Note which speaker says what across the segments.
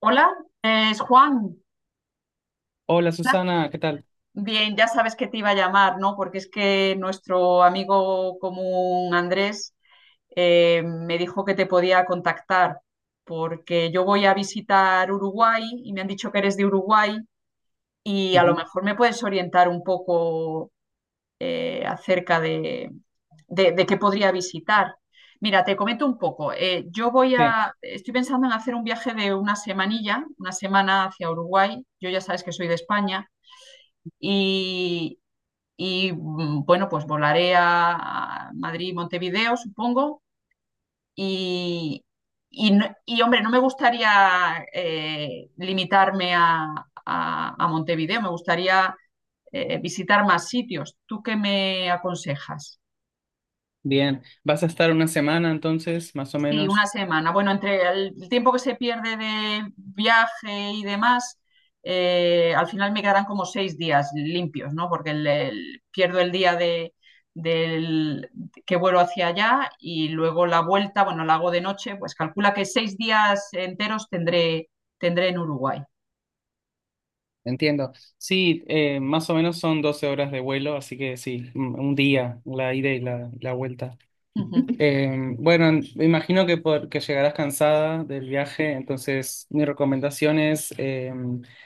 Speaker 1: Hola, es Juan.
Speaker 2: Hola Susana, ¿qué tal?
Speaker 1: Bien, ya sabes que te iba a llamar, ¿no? Porque es que nuestro amigo común Andrés me dijo que te podía contactar porque yo voy a visitar Uruguay y me han dicho que eres de Uruguay y a lo
Speaker 2: Ujú,
Speaker 1: mejor me puedes orientar un poco acerca de qué podría visitar. Mira, te comento un poco. Yo
Speaker 2: sí,
Speaker 1: estoy pensando en hacer un viaje de una semanilla, una semana hacia Uruguay. Yo ya sabes que soy de España y, y bueno, pues volaré a Madrid, Montevideo, supongo. Y, Hombre, no me gustaría limitarme a Montevideo, me gustaría visitar más sitios. ¿Tú qué me aconsejas?
Speaker 2: bien. ¿Vas a estar una semana entonces, más o
Speaker 1: Sí, una
Speaker 2: menos?
Speaker 1: semana. Bueno, entre el tiempo que se pierde de viaje y demás, al final me quedarán como 6 días limpios, ¿no? Porque pierdo el día del que vuelo hacia allá y luego la vuelta, bueno, la hago de noche, pues calcula que 6 días enteros tendré en Uruguay.
Speaker 2: Entiendo. Sí, más o menos son 12 horas de vuelo, así que sí, un día, la ida y la vuelta.
Speaker 1: Ujú.
Speaker 2: Bueno, me imagino que llegarás cansada del viaje, entonces mi recomendación es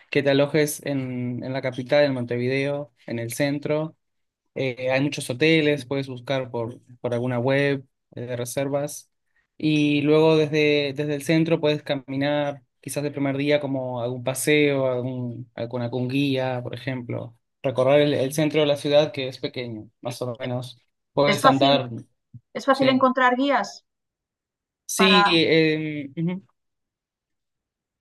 Speaker 2: que te alojes en la capital, en Montevideo, en el centro. Hay muchos hoteles, puedes buscar por alguna web de reservas. Y luego desde el centro puedes caminar, quizás el primer día, como algún paseo, algún, con algún guía, por ejemplo. Recorrer el centro de la ciudad, que es pequeño, más o menos.
Speaker 1: ¿Es
Speaker 2: Puedes andar,
Speaker 1: es fácil
Speaker 2: sí.
Speaker 1: encontrar guías
Speaker 2: Sí,
Speaker 1: para...
Speaker 2: ujú,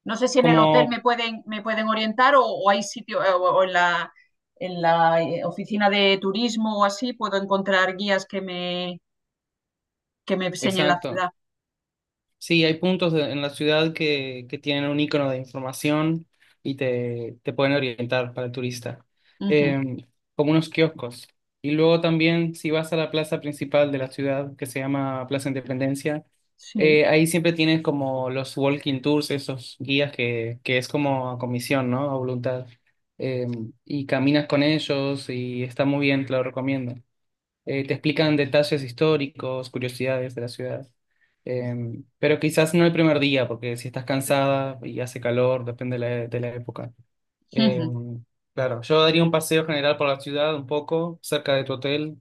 Speaker 1: No sé si en el hotel me
Speaker 2: como,
Speaker 1: me pueden orientar o hay sitio, o en en la oficina de turismo o así puedo encontrar guías que me enseñen la
Speaker 2: exacto.
Speaker 1: ciudad.
Speaker 2: Sí, hay en la ciudad que tienen un icono de información y te pueden orientar para el turista.
Speaker 1: Ujú,
Speaker 2: Em, Como unos kioscos. Y luego también si vas a la plaza principal de la ciudad, que se llama Plaza Independencia,
Speaker 1: sí.
Speaker 2: ahí siempre tienes como los walking tours, esos guías que es como a comisión, ¿no? A voluntad. Em, y caminas con ellos y está muy bien, te lo recomiendo, te explican detalles históricos, curiosidades de la ciudad. Eh, pero quizás no el primer día, porque si estás cansada y hace calor, depende de de la época. Eh,
Speaker 1: Ujú,
Speaker 2: claro, yo daría un paseo general por la ciudad un poco, cerca de tu hotel,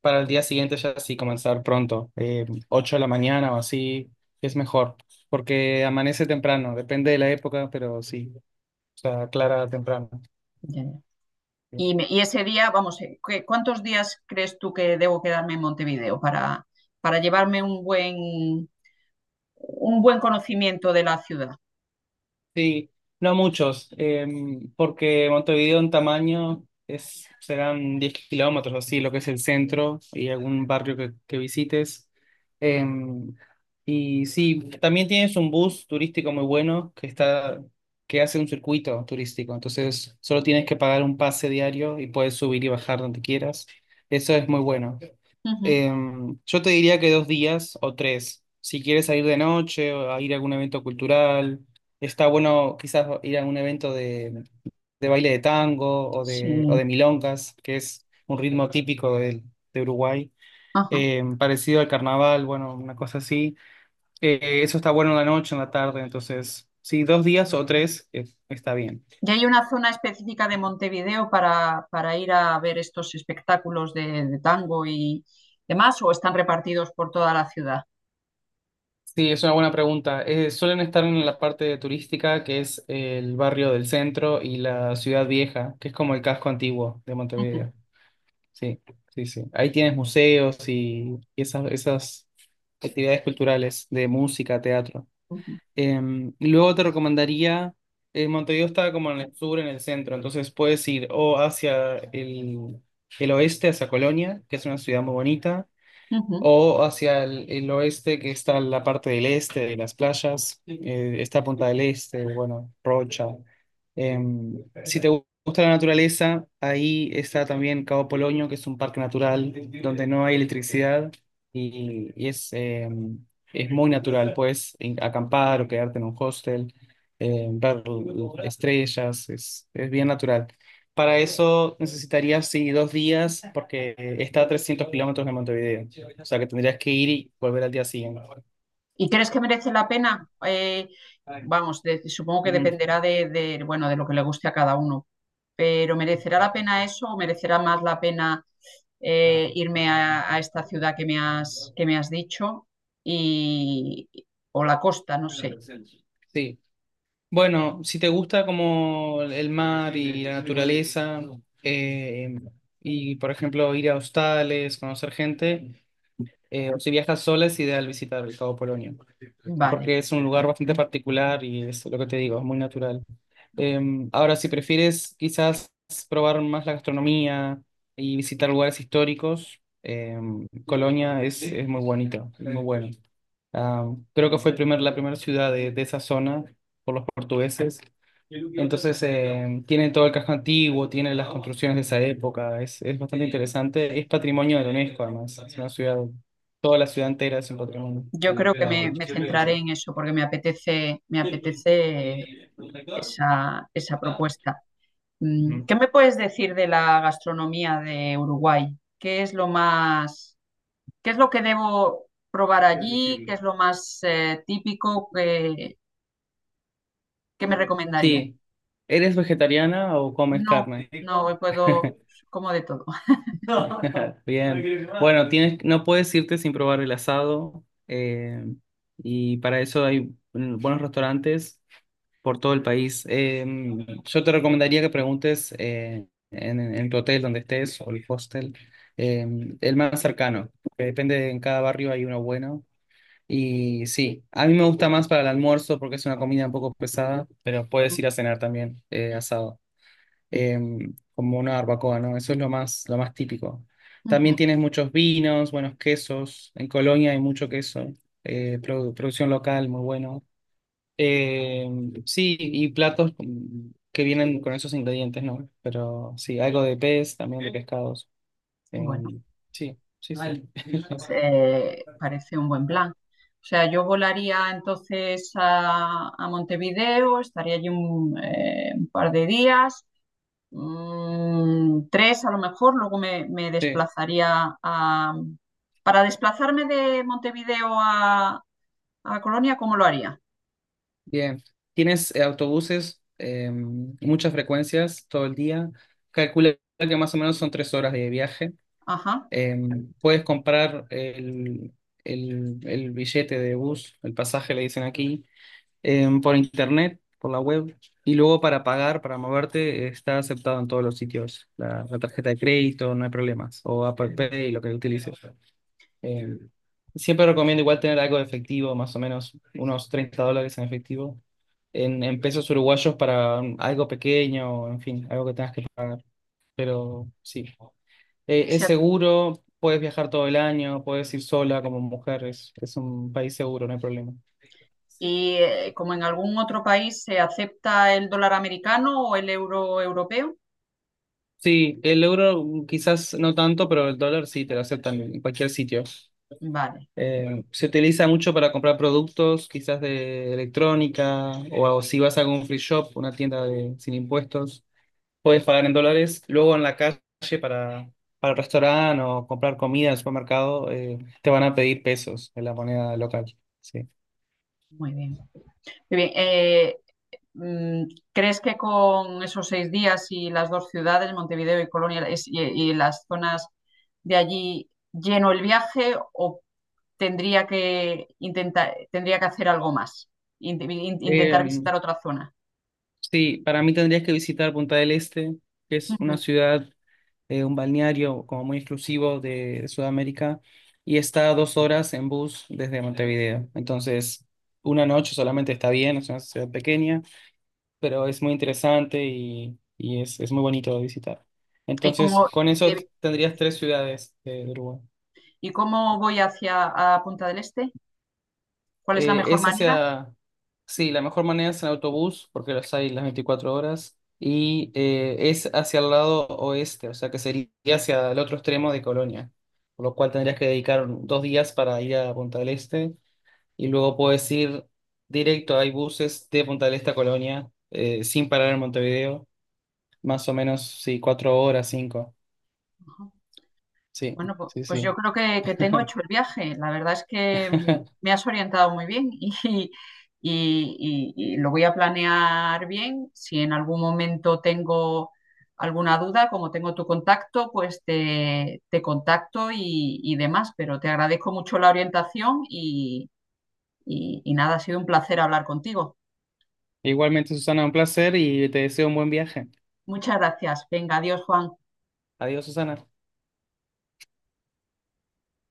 Speaker 2: para el día siguiente ya sí comenzar pronto, 8 de la mañana o así, es mejor, porque amanece temprano, depende de la época, pero sí, o sea, aclara temprano.
Speaker 1: ya, ya. Y ese día, vamos, ¿qué- ¿cuántos días crees tú que debo quedarme en Montevideo para llevarme un un buen conocimiento de la ciudad?
Speaker 2: Sí, no muchos, porque Montevideo en tamaño es, serán 10 kilómetros, así, lo que es el centro y algún barrio que visites. Em, y sí, también tienes un bus turístico muy bueno que está, que hace un circuito turístico, entonces solo tienes que pagar un pase diario y puedes subir y bajar donde quieras. Eso es muy bueno.
Speaker 1: Ujú,
Speaker 2: Em, yo te diría que dos días o tres. Si quieres salir de noche o a ir a algún evento cultural, está bueno quizás ir a un evento de baile de tango o
Speaker 1: sí.
Speaker 2: de milongas, que es un ritmo típico de Uruguay,
Speaker 1: Ajá.
Speaker 2: em, parecido al carnaval, bueno, una cosa así. Eso está bueno en la noche, en la tarde, entonces, sí, dos días o tres, está bien.
Speaker 1: ¿Y hay una zona específica de Montevideo para ir a ver estos espectáculos de tango y demás, o están repartidos por toda la ciudad?
Speaker 2: Sí, es una buena pregunta. Suelen estar en la parte turística, que es el barrio del centro y la ciudad vieja, que es como el casco antiguo de
Speaker 1: Ujú,
Speaker 2: Montevideo. Sí, sí, sí. Ahí tienes museos y esas actividades culturales de música, teatro.
Speaker 1: ujú,
Speaker 2: Y luego te recomendaría, Montevideo está como en el sur, en el centro, entonces puedes ir o hacia el oeste, hacia Colonia, que es una ciudad muy bonita
Speaker 1: ujú.
Speaker 2: o hacia el oeste, que está la parte del este de las playas, está Punta del Este, bueno, Rocha. Em, si te gusta la naturaleza, ahí está también Cabo Polonio, que es un parque natural donde no hay electricidad y es, es muy natural. Puedes acampar o quedarte en un hostel, ver estrellas, es bien natural. Para eso necesitarías, sí, dos días porque está a 300 kilómetros de Montevideo. O sea que tendrías que ir y volver al día siguiente.
Speaker 1: ¿Y crees que merece la pena? Vamos, de- supongo que
Speaker 2: Ujú.
Speaker 1: dependerá de bueno, de lo que le guste a cada uno, pero ¿merecerá la pena eso o merecerá más la pena irme a esta ciudad que me que me has dicho y, o la costa, no sé.
Speaker 2: Sí. Bueno, si te gusta como el mar y la naturaleza, eh, y por ejemplo ir a hostales, conocer gente, o si viajas sola es ideal visitar el Cabo Polonio,
Speaker 1: Vale.
Speaker 2: porque es un lugar bastante particular y es lo que te digo, es muy natural. Em, ahora, si prefieres quizás probar más la gastronomía y visitar lugares históricos, em, Colonia es muy bonito, es muy bueno. Ah, creo que fue el primer, la primera ciudad de esa zona por los portugueses. Entonces, tiene todo el casco antiguo, tienen las construcciones de esa época, es bastante interesante. Es patrimonio de la UNESCO, además. Es una ciudad, toda la ciudad entera es un patrimonio.
Speaker 1: Yo
Speaker 2: Ah,
Speaker 1: creo que
Speaker 2: o
Speaker 1: me centraré
Speaker 2: sea,
Speaker 1: en eso porque me me apetece esa propuesta.
Speaker 2: ujú.
Speaker 1: ¿Qué me puedes decir de la gastronomía de Uruguay? ¿Qué es lo más, qué es lo que debo probar allí? ¿Qué es lo más típico que me recomendarías?
Speaker 2: Sí. ¿Eres vegetariana o comes
Speaker 1: No,
Speaker 2: carne?
Speaker 1: no puedo, como de todo.
Speaker 2: Bien. Bueno, tienes, no puedes irte sin probar el asado. Y para eso hay buenos restaurantes por todo el país. Em, yo te recomendaría que preguntes en tu hotel donde estés o el hostel, el más cercano, que depende, en cada barrio hay uno bueno. Y sí, a mí me gusta más para el almuerzo porque es una comida un poco pesada, pero puedes ir a cenar también asado, em, como una barbacoa, ¿no? Eso es lo más típico. También
Speaker 1: Ujú.
Speaker 2: tienes muchos vinos, buenos quesos. En Colonia hay mucho queso, producción local, muy bueno. Eh, sí, y platos que vienen con esos ingredientes, ¿no? Pero sí, algo de pez, también de pescados.
Speaker 1: Bueno,
Speaker 2: Eh, sí, sí, sí.
Speaker 1: parece un buen plan. O sea, yo volaría entonces a Montevideo, estaría allí un par de días, tres a lo mejor, luego me
Speaker 2: Sí,
Speaker 1: desplazaría a... Para desplazarme de Montevideo a Colonia, ¿cómo lo haría?
Speaker 2: bien. ¿Tienes autobuses, muchas frecuencias todo el día? Calcula que más o menos son tres horas de viaje.
Speaker 1: Ajá.
Speaker 2: Eh, Puedes comprar el billete de bus, el pasaje le dicen aquí, por internet, por la web, y luego para pagar, para moverte, está aceptado en todos los sitios. La tarjeta de crédito, no hay problemas, o Apple Pay, lo que utilices. Em, Siempre recomiendo igual tener algo de efectivo, más o menos unos 30 dólares en efectivo, en pesos uruguayos para algo pequeño, en fin, algo que tengas que... Pero sí, eh,
Speaker 1: Se
Speaker 2: es
Speaker 1: ac-
Speaker 2: seguro, puedes viajar todo el año, puedes ir sola como mujer, es un país seguro, no hay problema.
Speaker 1: y como en algún otro país se acepta el dólar americano o el euro europeo.
Speaker 2: Sí, el euro mm, quizás no tanto, pero el dólar sí te lo aceptan en cualquier sitio.
Speaker 1: Vale,
Speaker 2: Se utiliza mucho para comprar productos, quizás de electrónica, o si vas a algún free shop, una tienda de, sin impuestos, puedes pagar en dólares. Luego en la calle para, para el restaurante o comprar comida en el supermercado, te van a pedir pesos en la moneda local. Sí.
Speaker 1: muy bien. Muy bien. Mm, ¿Crees que con esos 6 días y las dos ciudades, Montevideo y Colonia, y las zonas de allí, lleno el viaje o tendría que tendría que hacer algo más? Intentar
Speaker 2: Eh,
Speaker 1: visitar otra zona.
Speaker 2: sí, para mí tendrías que visitar Punta del Este, que es una
Speaker 1: Ujú.
Speaker 2: ciudad, un balneario como muy exclusivo de Sudamérica, y está a dos horas en bus desde Montevideo. Entonces, una noche solamente está bien, es una ciudad pequeña, pero es muy interesante y es muy bonito de visitar.
Speaker 1: ¿Y
Speaker 2: Entonces, con eso
Speaker 1: de-
Speaker 2: tendrías tres ciudades de Uruguay.
Speaker 1: y cómo voy hacia a Punta del Este? ¿Cuál es la
Speaker 2: Eh,
Speaker 1: mejor
Speaker 2: es
Speaker 1: manera?
Speaker 2: hacia, sí, la mejor manera es en autobús, porque los hay las 24 horas, y es hacia el lado oeste, o sea que sería hacia el otro extremo de Colonia, por lo cual tendrías que dedicar dos días para ir a Punta del Este, y luego puedes ir directo, hay buses de Punta del Este a Colonia, sin parar en Montevideo, más o menos, sí, cuatro horas, cinco, sí,
Speaker 1: Bueno,
Speaker 2: sí,
Speaker 1: pues yo
Speaker 2: sí.
Speaker 1: creo que tengo hecho el viaje. La verdad es que me has orientado muy bien y, y lo voy a planear bien. Si en algún momento tengo alguna duda, como tengo tu contacto, pues te contacto y demás. Pero te agradezco mucho la orientación y, y nada, ha sido un placer hablar contigo.
Speaker 2: Igualmente, Susana, un placer y te deseo un buen viaje.
Speaker 1: Muchas gracias. Venga, adiós, Juan.
Speaker 2: Adiós, Susana.